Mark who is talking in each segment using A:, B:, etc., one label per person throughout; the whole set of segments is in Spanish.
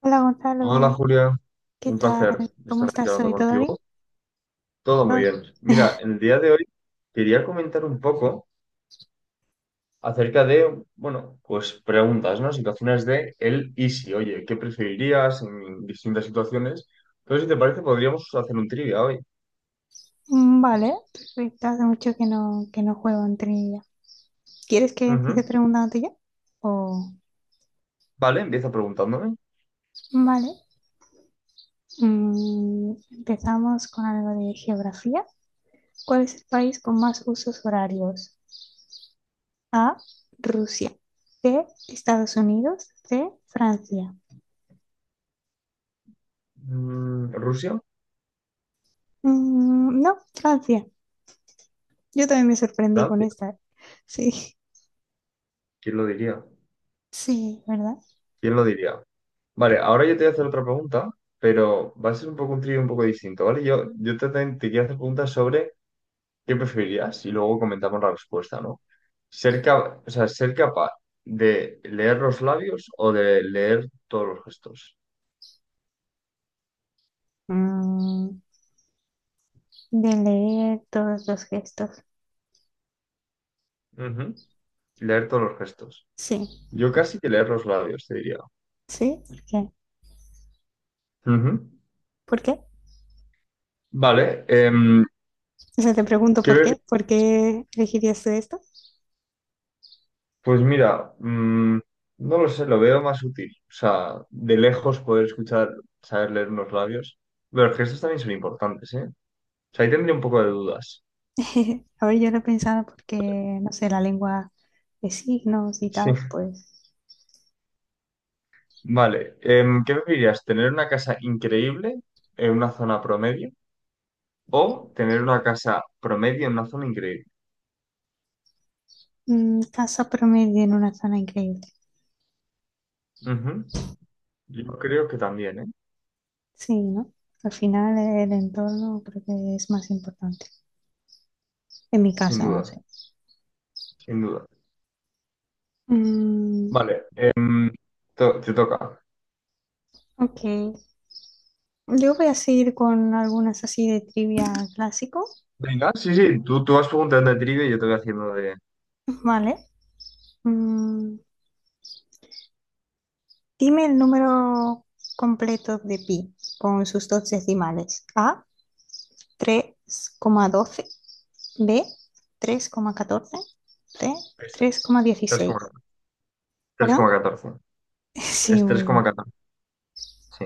A: Hola
B: Hola
A: Gonzalo,
B: Julia,
A: ¿qué
B: un
A: tal?
B: placer
A: ¿Cómo
B: estar aquí
A: estás
B: hablando
A: hoy? ¿Todo
B: contigo.
A: bien?
B: Todo muy
A: Ah,
B: bien. Mira, en el día de hoy quería comentar un poco acerca de, bueno, pues preguntas, ¿no? Situaciones de el y si. Oye, ¿qué preferirías en distintas situaciones? Entonces, si te parece, podríamos hacer un trivia hoy.
A: vale, perfecto. Hace mucho que no juego en trivia. ¿Quieres que empiece
B: Ujú.
A: preguntándote yo? O...
B: Vale, empieza preguntándome.
A: Vale. Empezamos con algo de geografía. ¿Cuál es el país con más usos horarios? A, Rusia. B, Estados Unidos. C, Francia.
B: ¿Rusia?
A: No, Francia. Yo también me sorprendí con
B: ¿Francia?
A: esta. Sí,
B: ¿Quién lo diría?
A: sí, ¿verdad?
B: ¿Quién lo diría? Vale, ahora yo te voy a hacer otra pregunta, pero va a ser un poco un trivia un poco distinto, ¿vale? Yo te quiero hacer preguntas sobre ¿Qué preferirías? Y luego comentamos la respuesta, ¿no? O sea, ser capaz de leer los labios o de leer todos los gestos.
A: Mm, de leer todos los gestos.
B: Ujú. Leer todos los gestos.
A: Sí,
B: Yo casi que leer los labios, te diría.
A: sí, ¿por qué?
B: Ujú.
A: ¿Por qué?
B: Vale.
A: O sea, te pregunto
B: ¿Qué
A: por
B: ve-
A: qué. ¿Por qué elegirías tú esto?
B: Pues mira, no lo sé, lo veo más útil. O sea, de lejos poder escuchar, saber leer unos labios. Pero los gestos también son importantes, ¿eh? O sea, ahí tendría un poco de dudas.
A: A ver, yo lo he pensado porque, no sé, la lengua de signos y
B: Sí.
A: tal, pues.
B: Vale, ¿qué preferirías? ¿Tener una casa increíble en una zona promedio o tener una casa promedio en una zona increíble?
A: Casa promedio en una zona increíble.
B: Ujú. Yo creo que también, ¿eh?
A: Sí, ¿no? Al final el entorno creo que es más importante. En mi
B: Sin
A: casa, no
B: duda,
A: sé.
B: sin duda.
A: Mm,
B: Vale, te toca.
A: ok. Yo voy a seguir con algunas así de trivia clásico,
B: Venga, sí, sí, tú vas preguntando de trivia y yo te voy haciendo de...
A: ¿vale? Mm, Dime el número completo de pi con sus dos decimales. A, 3,12. B, 3,14. C,
B: Esa.
A: 3,16. ¿Perdón?
B: 3,14. Es
A: Sí,
B: tres
A: muy
B: coma
A: bien.
B: catorce sí.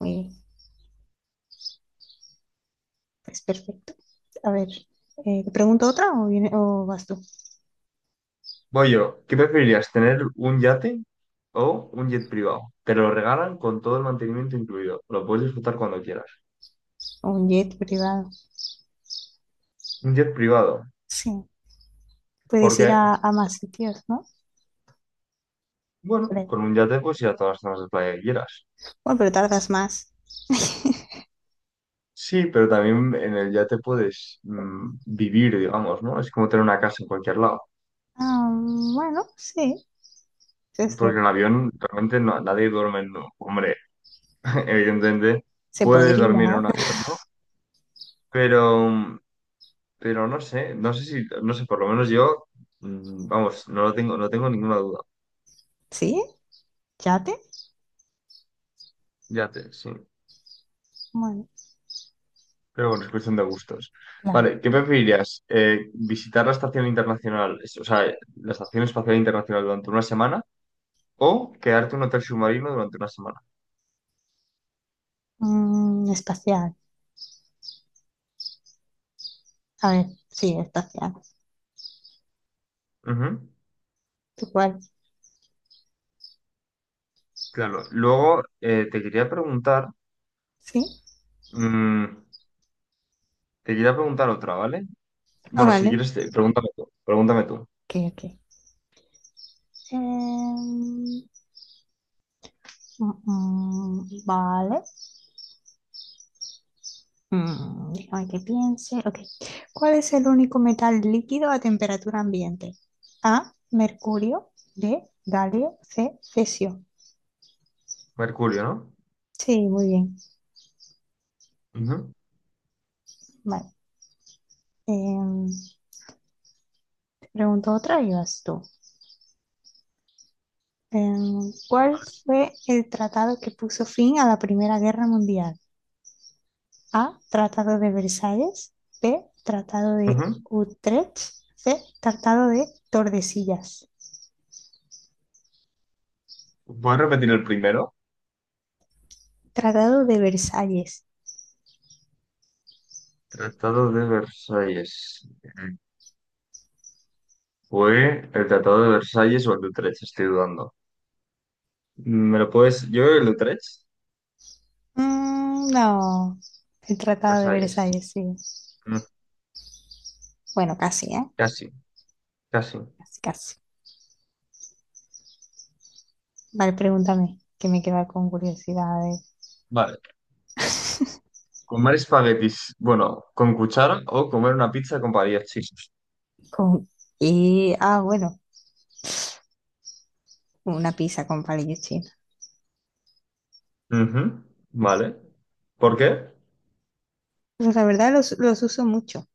A: Muy bien. Pues perfecto. A ver, ¿te pregunto otra o vas tú?
B: Voy yo. ¿Qué preferirías? ¿Tener un yate o un jet privado? Te lo regalan con todo el mantenimiento incluido. Lo puedes disfrutar cuando quieras.
A: O un jet privado.
B: Un jet privado.
A: Sí.
B: ¿Por
A: Puedes ir
B: qué?
A: a más sitios, ¿no?
B: Bueno,
A: Creo.
B: con un yate puedes ir a todas las zonas de playa que quieras.
A: Bueno, pero tardas más.
B: Sí, pero también en el yate puedes vivir, digamos, ¿no? Es como tener una casa en cualquier lado.
A: Ah, bueno, sí, eso es
B: Porque en un
A: cierto.
B: avión realmente nadie duerme en un... Hombre, evidentemente
A: Se
B: puedes dormir en
A: podría.
B: un avión, ¿no? Pero, mm, pero no sé, no sé si, no sé, por lo menos yo, vamos, no lo tengo, no tengo ninguna duda.
A: ¿Sí? ¿Yate?
B: Yate, sí.
A: Bueno.
B: Pero bueno, es cuestión de gustos.
A: Claro.
B: Vale, ¿qué preferirías? ¿Visitar la Estación Internacional, es- o sea, la Estación Espacial Internacional durante una semana o quedarte en un hotel submarino durante una semana?
A: Espacial. A ver, sí, espacial.
B: Ujú,
A: ¿Tú cuál?
B: claro. Luego te quería preguntar,
A: Sí.
B: mm, te quería preguntar otra, ¿vale?
A: Ah,
B: Bueno, si
A: vale.
B: quieres, pregúntame tú. Pregúntame tú.
A: Ok, ok. Em, vale. Déjame que piense. Ok. ¿Cuál es el único metal líquido a temperatura ambiente? A, mercurio. B, galio. C, cesio.
B: Mercurio, ¿no?
A: Sí, muy bien.
B: Ujú,
A: Vale. Em, te pregunto otra y vas tú. ¿Cuál fue el tratado que puso fin a la Primera Guerra Mundial? A. Tratado de Versalles. B. Tratado de
B: ujú.
A: Utrecht. C. Tratado de Tordesillas.
B: ¿Puedes repetir el primero?
A: Tratado de Versalles.
B: Tratado de Versalles. ¿Fue el Tratado de Versalles o el de Utrecht? Estoy dudando. ¿Me lo puedes? Yo creo que el Utrecht.
A: Mm, no. El Tratado de
B: Versalles.
A: Versalles, sí.
B: Mm,
A: Bueno, casi, ¿eh?
B: Casi, casi.
A: Casi, casi. Vale, pregúntame, que me queda con curiosidades.
B: Vale. Comer espaguetis, bueno, con cuchara o comer una pizza con varias.
A: Con... Y, ah, bueno, una pizza con palillos chinos.
B: Ujú. Vale. ¿Por qué?
A: Pues la verdad los uso mucho,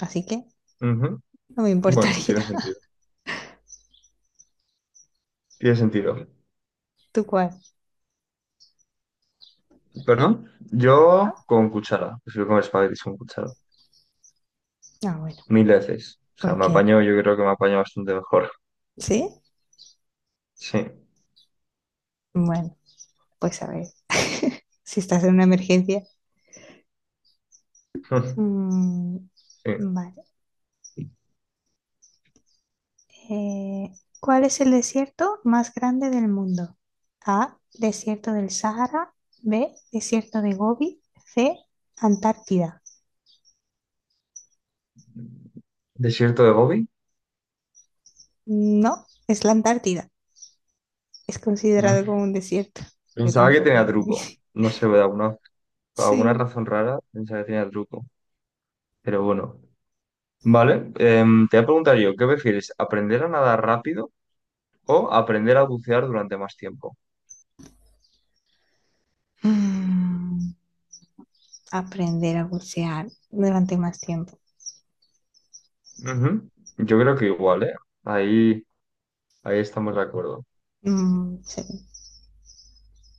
A: así que
B: Ujú.
A: no me
B: Bueno, tiene
A: importaría.
B: sentido. Tiene sentido.
A: ¿Tú cuál?
B: ¿Perdón? Yo con cuchara. Prefiero comer espaguetis con cuchara.
A: Ah, bueno,
B: Mil veces. O sea, me
A: porque,
B: apaño, yo creo que me apaño bastante mejor.
A: ¿sí?
B: Sí.
A: Bueno, pues a ver. Si estás en una emergencia. Mm,
B: Sí.
A: vale. Eh, ¿cuál es el desierto más grande del mundo? A, desierto del Sahara. B, desierto de Gobi. C, Antártida.
B: ¿Desierto de Gobi?
A: No, es la Antártida. Es considerado
B: Mm.
A: como un desierto. Yo
B: Pensaba que
A: tampoco
B: tenía
A: lo
B: truco. No sé, ¿verdad? Por alguna
A: Sí.
B: razón rara, pensaba que tenía truco. Pero bueno. Vale, te voy a preguntar yo, ¿qué prefieres? ¿Aprender a nadar rápido o aprender a bucear durante más tiempo?
A: Mm, aprender a bucear durante más tiempo.
B: Ujú. Yo creo que igual, ¿eh? Ahí, ahí estamos de acuerdo.
A: Mm, sí,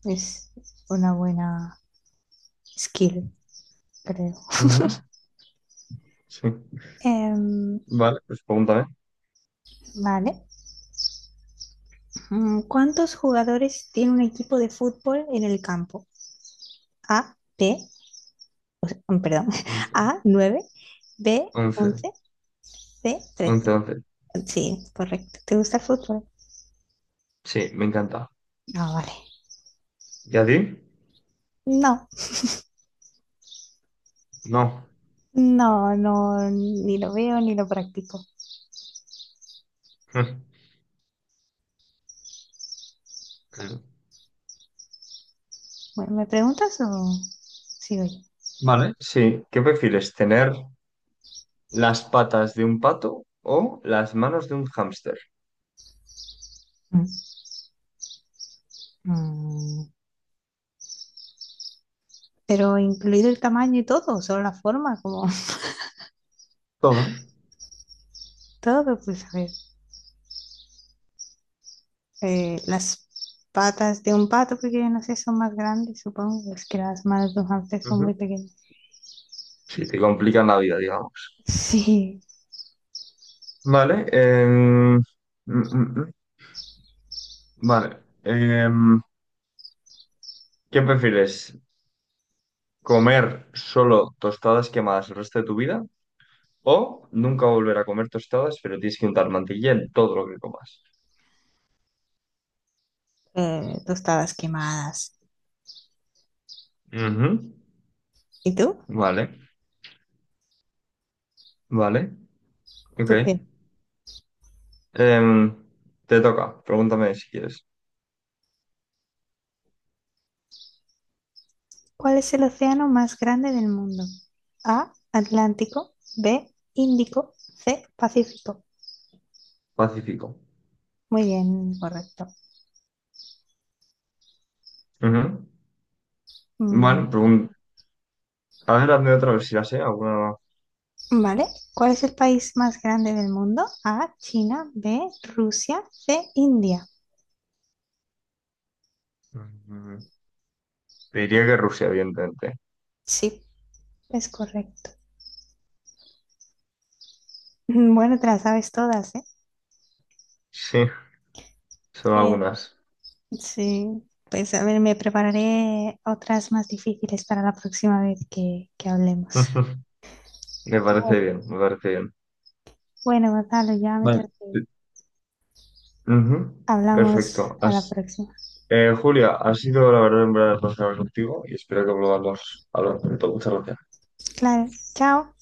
A: es una buena skill, creo.
B: Ujú. Sí.
A: Em,
B: Vale, pues pregúntame.
A: Vale. ¿Cuántos jugadores tiene un equipo de fútbol en el campo? A, B, o sea, perdón,
B: Once.
A: A, 9, B,
B: Once.
A: 11, C,
B: Once,
A: 13.
B: once.
A: Sí, correcto. ¿Te gusta el fútbol?
B: Sí, me encanta.
A: No vale.
B: ¿Y a ti?
A: No,
B: No.
A: no, no, ni lo veo ni lo practico.
B: Claro.
A: Bueno, ¿me preguntas o sigo yo?
B: Vale, sí. ¿Qué prefieres? ¿Tener las patas de un pato o las manos de un hámster?
A: Mm. Mm, Pero incluido el tamaño y todo, solo la forma, como
B: Todo.
A: todo, pues a ver. Las patas de un pato, porque yo no sé, son más grandes, supongo. Es que las manos de un hámster son muy pequeñas.
B: Sí, te complican la vida, digamos.
A: Sí,
B: Vale. Mm, mm. vale. em, ¿qué prefieres? ¿Comer solo tostadas quemadas el resto de tu vida? ¿O nunca volver a comer tostadas, pero tienes que untar mantequilla en todo lo que comas?
A: tostadas quemadas.
B: Ujú.
A: ¿Y tú?
B: Vale, vale. Ok.
A: ¿Tú qué?
B: Em, te toca. Pregúntame si quieres.
A: ¿Cuál es el océano más grande del mundo? A, Atlántico, B, Índico, C, Pacífico.
B: Pacífico.
A: Muy bien, correcto.
B: Ujú.
A: Mm,
B: Bueno, pregun- a ver, hazme otra vez si la sé. Alguna...
A: Vale, ¿cuál es el país más grande del mundo? A, China, B, Rusia, C, India.
B: Mm, te diría que Rusia, evidentemente.
A: Sí, es correcto. Bueno, te las sabes todas, ¿eh?
B: Sí. Son
A: Sí,
B: algunas.
A: sí. Pues a ver, me prepararé otras más difíciles para la próxima vez que hablemos.
B: Ujú. Me parece
A: Bueno,
B: bien, me parece bien.
A: bueno, Gonzalo, ya me tengo
B: Vale.
A: que ir.
B: Ujú,
A: Hablamos
B: perfecto.
A: a la próxima.
B: Julia, ha sido la verdad en verdad placer hablar contigo y espero que volvamos a hablar pronto. Muchas gracias.
A: Claro, chao.